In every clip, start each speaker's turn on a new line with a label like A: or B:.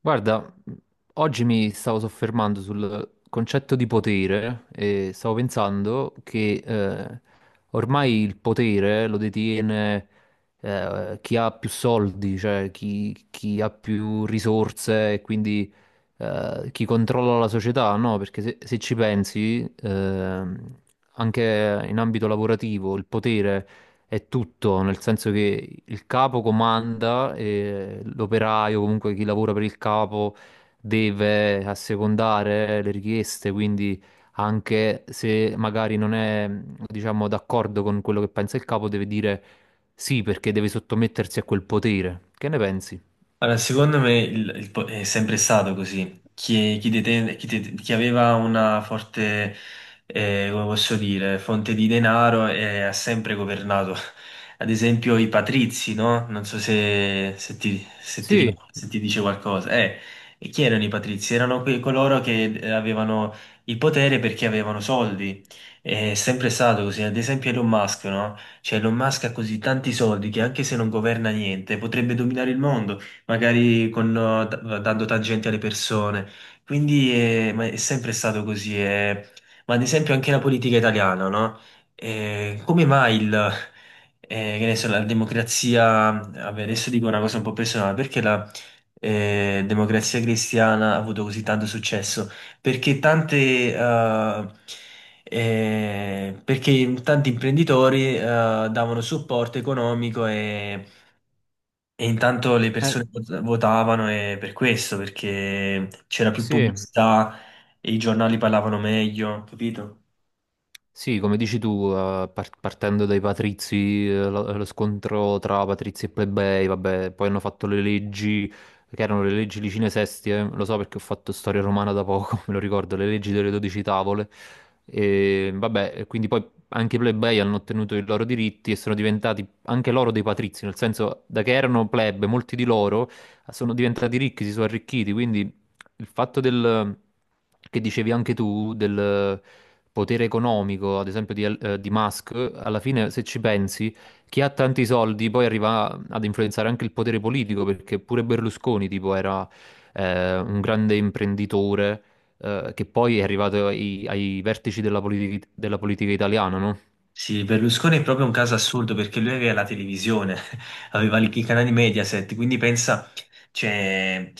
A: Guarda, oggi mi stavo soffermando sul concetto di potere e stavo pensando che ormai il potere lo detiene chi ha più soldi, cioè chi ha più risorse e quindi chi controlla la società, no? Perché se ci pensi, anche in ambito lavorativo il potere è tutto, nel senso che il capo comanda e l'operaio, comunque chi lavora per il capo, deve assecondare le richieste, quindi anche se magari non è, diciamo, d'accordo con quello che pensa il capo, deve dire sì perché deve sottomettersi a quel potere. Che ne pensi?
B: Allora, secondo me è sempre stato così. Chi, chi deten- chi det- chi aveva una forte, come posso dire, fonte di denaro ha sempre governato. Ad esempio i patrizi, no? Non so se ti
A: Sì,
B: se ti dice qualcosa. E chi erano i patrizi? Erano quei coloro che avevano il potere perché avevano soldi. È sempre stato così. Ad esempio Elon Musk, no? Cioè Elon Musk ha così tanti soldi che anche se non governa niente potrebbe dominare il mondo magari con, dando tangenti alle persone. Quindi ma è sempre stato così. Ma ad esempio anche la politica italiana, no? Come mai il, Che ne so, la democrazia, vabbè, adesso dico una cosa un po' personale, perché la democrazia cristiana ha avuto così tanto successo? Perché tante, eh, Perché tanti imprenditori davano supporto economico e intanto le
A: eh,
B: persone votavano e per questo, perché c'era più
A: sì.
B: pubblicità e i giornali parlavano meglio, capito?
A: Sì, come dici tu, partendo dai patrizi, lo scontro tra patrizi e plebei, vabbè, poi hanno fatto le leggi, che erano le leggi Licine Sestie, lo so perché ho fatto storia romana da poco, me lo ricordo, le leggi delle dodici tavole, e vabbè, e quindi poi anche i plebei hanno ottenuto i loro diritti e sono diventati anche loro dei patrizi, nel senso, da che erano plebe, molti di loro sono diventati ricchi, si sono arricchiti, quindi il fatto del, che dicevi anche tu del potere economico, ad esempio di Musk, alla fine se ci pensi, chi ha tanti soldi poi arriva ad influenzare anche il potere politico, perché pure Berlusconi tipo era un grande imprenditore che poi è arrivato ai vertici della, della politica italiana, no?
B: Sì, Berlusconi è proprio un caso assurdo perché lui aveva la televisione, aveva i canali Mediaset, quindi pensa, cioè,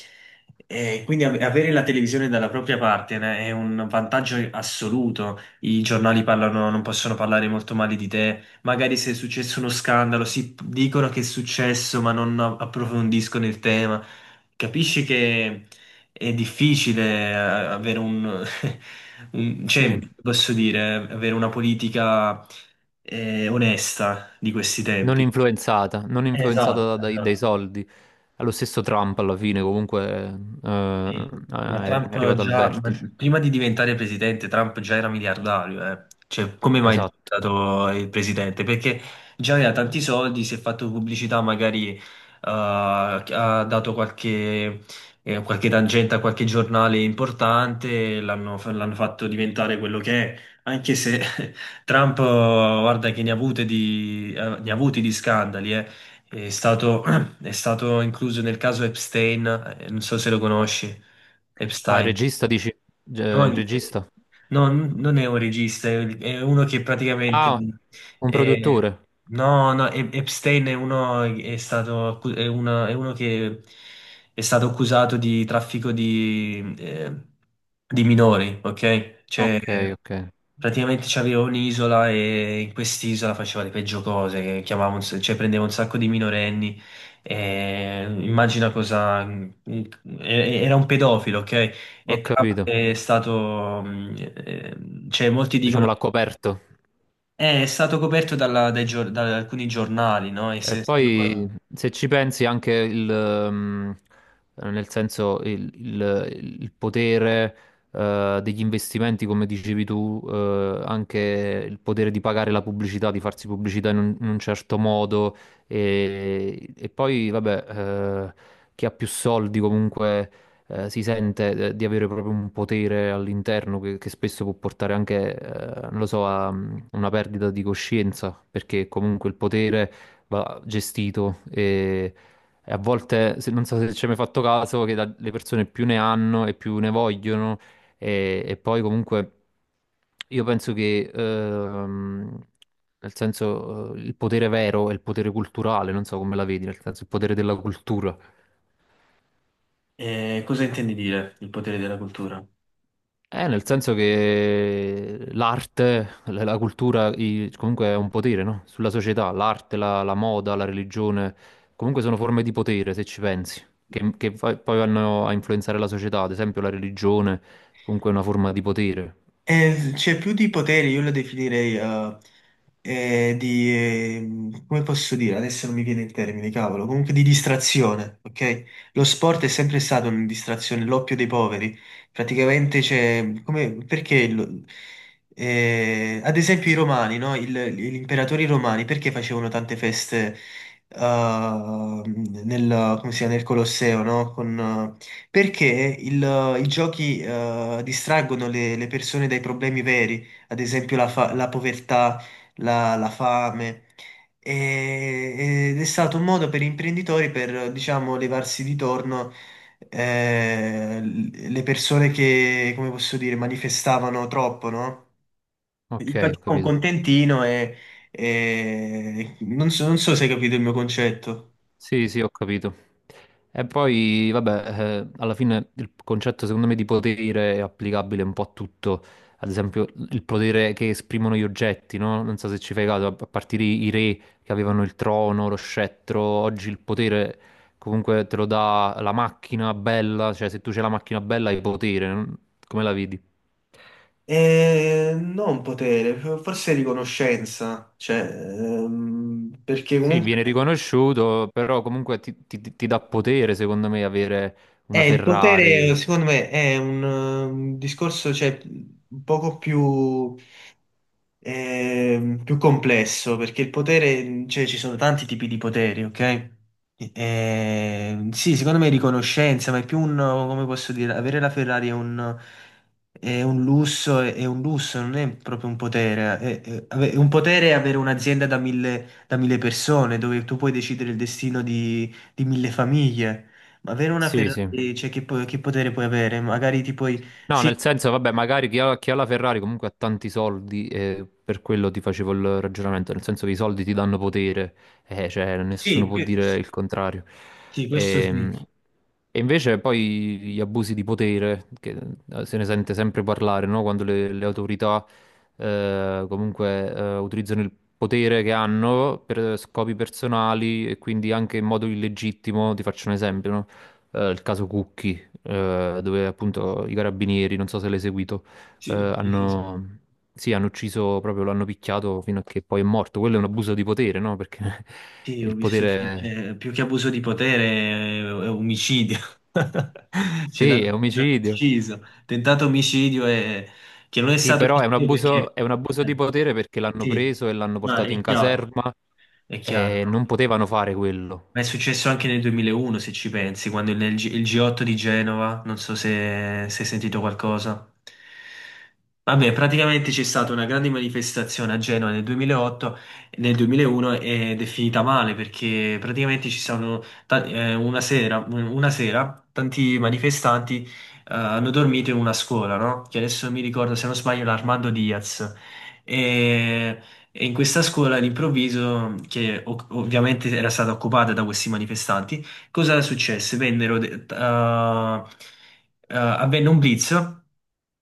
B: quindi avere la televisione dalla propria parte né, è un vantaggio assoluto. I giornali parlano, non possono parlare molto male di te. Magari se è successo uno scandalo, dicono che è successo, ma non approfondiscono il tema. Capisci che. È difficile avere un, cioè,
A: Sì.
B: posso dire, avere una politica onesta di questi
A: Non
B: tempi.
A: influenzata, non
B: Esatto,
A: influenzata dai
B: esatto.
A: soldi. Allo stesso Trump alla fine comunque
B: Sì, ma
A: è
B: Trump
A: arrivato al
B: già, ma
A: vertice.
B: prima di diventare presidente, Trump già era miliardario, eh. Cioè, come mai è
A: Esatto.
B: diventato il presidente? Perché già aveva tanti soldi, si è fatto pubblicità, magari ha dato qualche, qualche tangente a qualche giornale importante, l'hanno fatto diventare quello che è, anche se Trump, guarda che ne ha avute di, ne ha avuti di scandali, eh. È stato è stato incluso nel caso Epstein, non so se lo conosci,
A: Ah, il
B: Epstein.
A: regista dici? Il
B: Non,
A: regista?
B: no, non è un regista, è uno che praticamente...
A: Ah, un
B: eh,
A: produttore.
B: no, no, Epstein è uno, è uno che è stato accusato di traffico di minori, ok? Cioè,
A: Ok, ok.
B: praticamente c'avevo un'isola e in quest'isola faceva le peggio cose, che cioè prendeva un sacco di minorenni e immagina cosa... e- Era un pedofilo, ok?
A: Ho
B: E Trump
A: capito.
B: è stato... eh, cioè molti dicono...
A: Diciamo l'ha coperto.
B: È stato coperto da alcuni giornali, no?
A: E poi se ci pensi anche il, nel senso il, il potere degli investimenti, come dicevi tu, anche il potere di pagare la pubblicità, di farsi pubblicità in un certo modo e poi vabbè, chi ha più soldi comunque si sente di avere proprio un potere all'interno che spesso può portare anche, non lo so, a una perdita di coscienza, perché comunque il potere va gestito e a volte, non so se ci hai mai fatto caso, che le persone più ne hanno e più ne vogliono e poi comunque io penso che, nel senso, il potere vero è il potere culturale, non so come la vedi, nel senso il potere della cultura.
B: Cosa intendi dire, il potere della cultura?
A: Nel senso che l'arte, la cultura, comunque è un potere, no? Sulla società, l'arte, la, la moda, la religione, comunque sono forme di potere, se ci pensi, che poi vanno a influenzare la società, ad esempio la religione, comunque è una forma di potere.
B: C'è più di potere, io lo definirei di... come posso dire? Adesso non mi viene il termine, cavolo. Comunque di distrazione, ok? Lo sport è sempre stato una distrazione, l'oppio dei poveri. Praticamente c'è... Come, perché... ad esempio i romani, no? Gli imperatori romani, perché facevano tante feste eh, nel, come si chiama, nel Colosseo, no? Con, perché il- i giochi distraggono le persone dai problemi veri, ad esempio la povertà, la fame, ed è stato un modo per gli imprenditori per, diciamo, levarsi di torno le persone che, come posso dire, manifestavano troppo, no? Gli
A: Ok, ho
B: facevano un
A: capito.
B: contentino e, non so, non so se hai capito il mio concetto.
A: Sì, sì, ho capito. E poi, vabbè, alla fine il concetto secondo me di potere è applicabile un po' a tutto. Ad esempio, il potere che esprimono gli oggetti, no? Non so se ci fai caso, a partire i re che avevano il trono, lo scettro, oggi il potere comunque te lo dà la macchina bella, cioè se tu c'hai la macchina bella hai potere, non- come la vedi?
B: Non potere, forse riconoscenza, cioè, perché
A: Sì, viene
B: comunque
A: riconosciuto, però comunque ti dà potere, secondo me, avere una
B: il potere
A: Ferrari.
B: secondo me è un discorso cioè, un poco più più complesso perché il potere, cioè ci sono tanti tipi di poteri, ok? Sì, secondo me è riconoscenza, ma è più un, come posso dire, avere la Ferrari è un lusso, non è proprio un potere. Un potere è avere un'azienda da mille persone dove tu puoi decidere il destino di mille famiglie. Ma avere una
A: Sì, sì.
B: Ferrari, cioè che potere puoi avere? Magari ti puoi...
A: No,
B: Sì,
A: nel senso, vabbè, magari chi ha la Ferrari comunque ha tanti soldi e per quello ti facevo il ragionamento, nel senso che i soldi ti danno potere, cioè nessuno
B: sì,
A: può dire il contrario.
B: sì, questo sì.
A: Ehm, e invece poi gli abusi di potere, che se ne sente sempre parlare, no? Quando le autorità comunque utilizzano il potere che hanno per scopi personali e quindi anche in modo illegittimo, ti faccio un esempio, no? Il caso Cucchi, dove appunto i carabinieri, non so se l'hai seguito,
B: Sì, sì, sì, sì.
A: hanno, sì, hanno ucciso proprio, lo hanno picchiato fino a che poi è morto. Quello è un abuso di potere, no? Perché
B: Sì, ho
A: il
B: visto
A: potere...
B: più che abuso di potere è omicidio. Ce
A: Sì, è
B: l'hanno
A: omicidio.
B: ucciso. Tentato omicidio è, che non è
A: Sì,
B: stato
A: però
B: omicidio perché...
A: è un abuso di
B: eh,
A: potere perché l'hanno
B: sì,
A: preso e l'hanno
B: no,
A: portato
B: è
A: in
B: chiaro,
A: caserma
B: è chiaro.
A: e non
B: No.
A: potevano fare quello.
B: Ma è successo anche nel 2001, se ci pensi, quando il G8 di Genova, non so se hai sentito qualcosa. Vabbè, praticamente c'è stata una grande manifestazione a Genova nel 2008, nel 2001 ed è finita male perché una sera tanti manifestanti hanno dormito in una scuola, no? Che adesso mi ricordo, se non sbaglio, l'Armando Diaz. E e in questa scuola all'improvviso, ovviamente era stata occupata da questi manifestanti, cosa successe? Vennero, de- t- ah, ah, avvenne un blitz.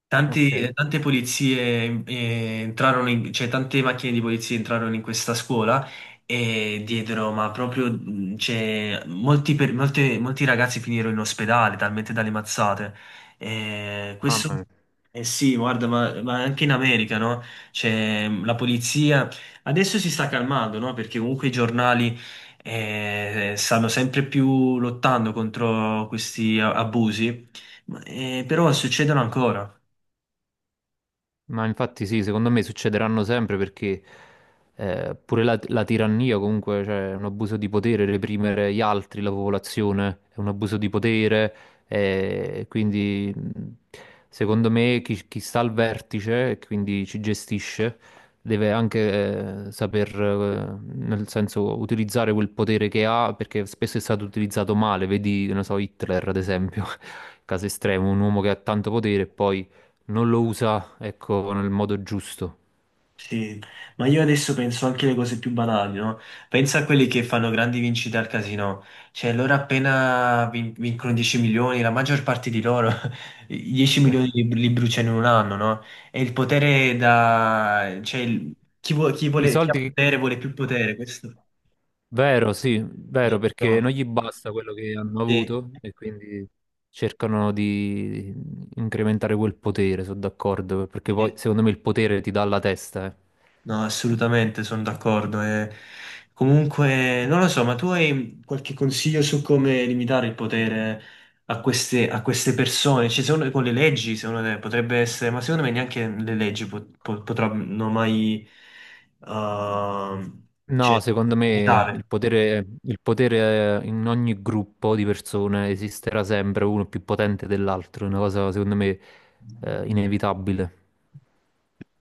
B: Tanti-
A: Ok,
B: tante polizie entrarono in- cioè tante macchine di polizia entrarono in questa scuola e diedero, ma proprio, cioè, molti ragazzi finirono in ospedale, talmente dalle mazzate.
A: mamma
B: Questo,
A: mia.
B: eh sì, guarda, ma anche in America, no? C'è mm, la polizia. Adesso si sta calmando, no? Perché comunque i giornali stanno sempre più lottando contro questi abusi, ma, però succedono ancora.
A: Ma infatti sì, secondo me succederanno sempre perché pure la, la tirannia comunque, cioè è un abuso di potere, reprimere gli altri, la popolazione, è un abuso di potere, quindi secondo me chi sta al vertice e quindi ci gestisce deve anche saper, nel senso, utilizzare quel potere che ha perché spesso è stato utilizzato male, vedi, non so, Hitler ad esempio, caso estremo, un uomo che ha tanto potere e poi non lo usa, ecco, nel modo giusto.
B: Sì, ma io adesso penso anche alle cose più banali, no? Pensa a quelli che fanno grandi vincite al casino, cioè loro vincono 10 milioni, la maggior parte di loro i 10 milioni li bruciano in un anno, no? E il potere da... chi
A: I
B: vuole, chi ha
A: soldi, che-
B: potere vuole più potere, questo
A: vero, sì, vero, perché non
B: diciamo,
A: gli basta quello che hanno
B: sì,
A: avuto e quindi cercano di incrementare quel potere, sono d'accordo, perché poi
B: sì.
A: secondo me il potere ti dà la testa, eh.
B: No, assolutamente, sono d'accordo. E comunque, non lo so, ma tu hai qualche consiglio su come limitare il potere a queste persone? Cioè, secondo, con le leggi, secondo te, potrebbe essere, ma secondo me neanche le leggi potranno mai, ehm,
A: No,
B: cioè,
A: secondo me
B: limitare.
A: il potere in ogni gruppo di persone esisterà sempre uno più potente dell'altro, è una cosa secondo me inevitabile.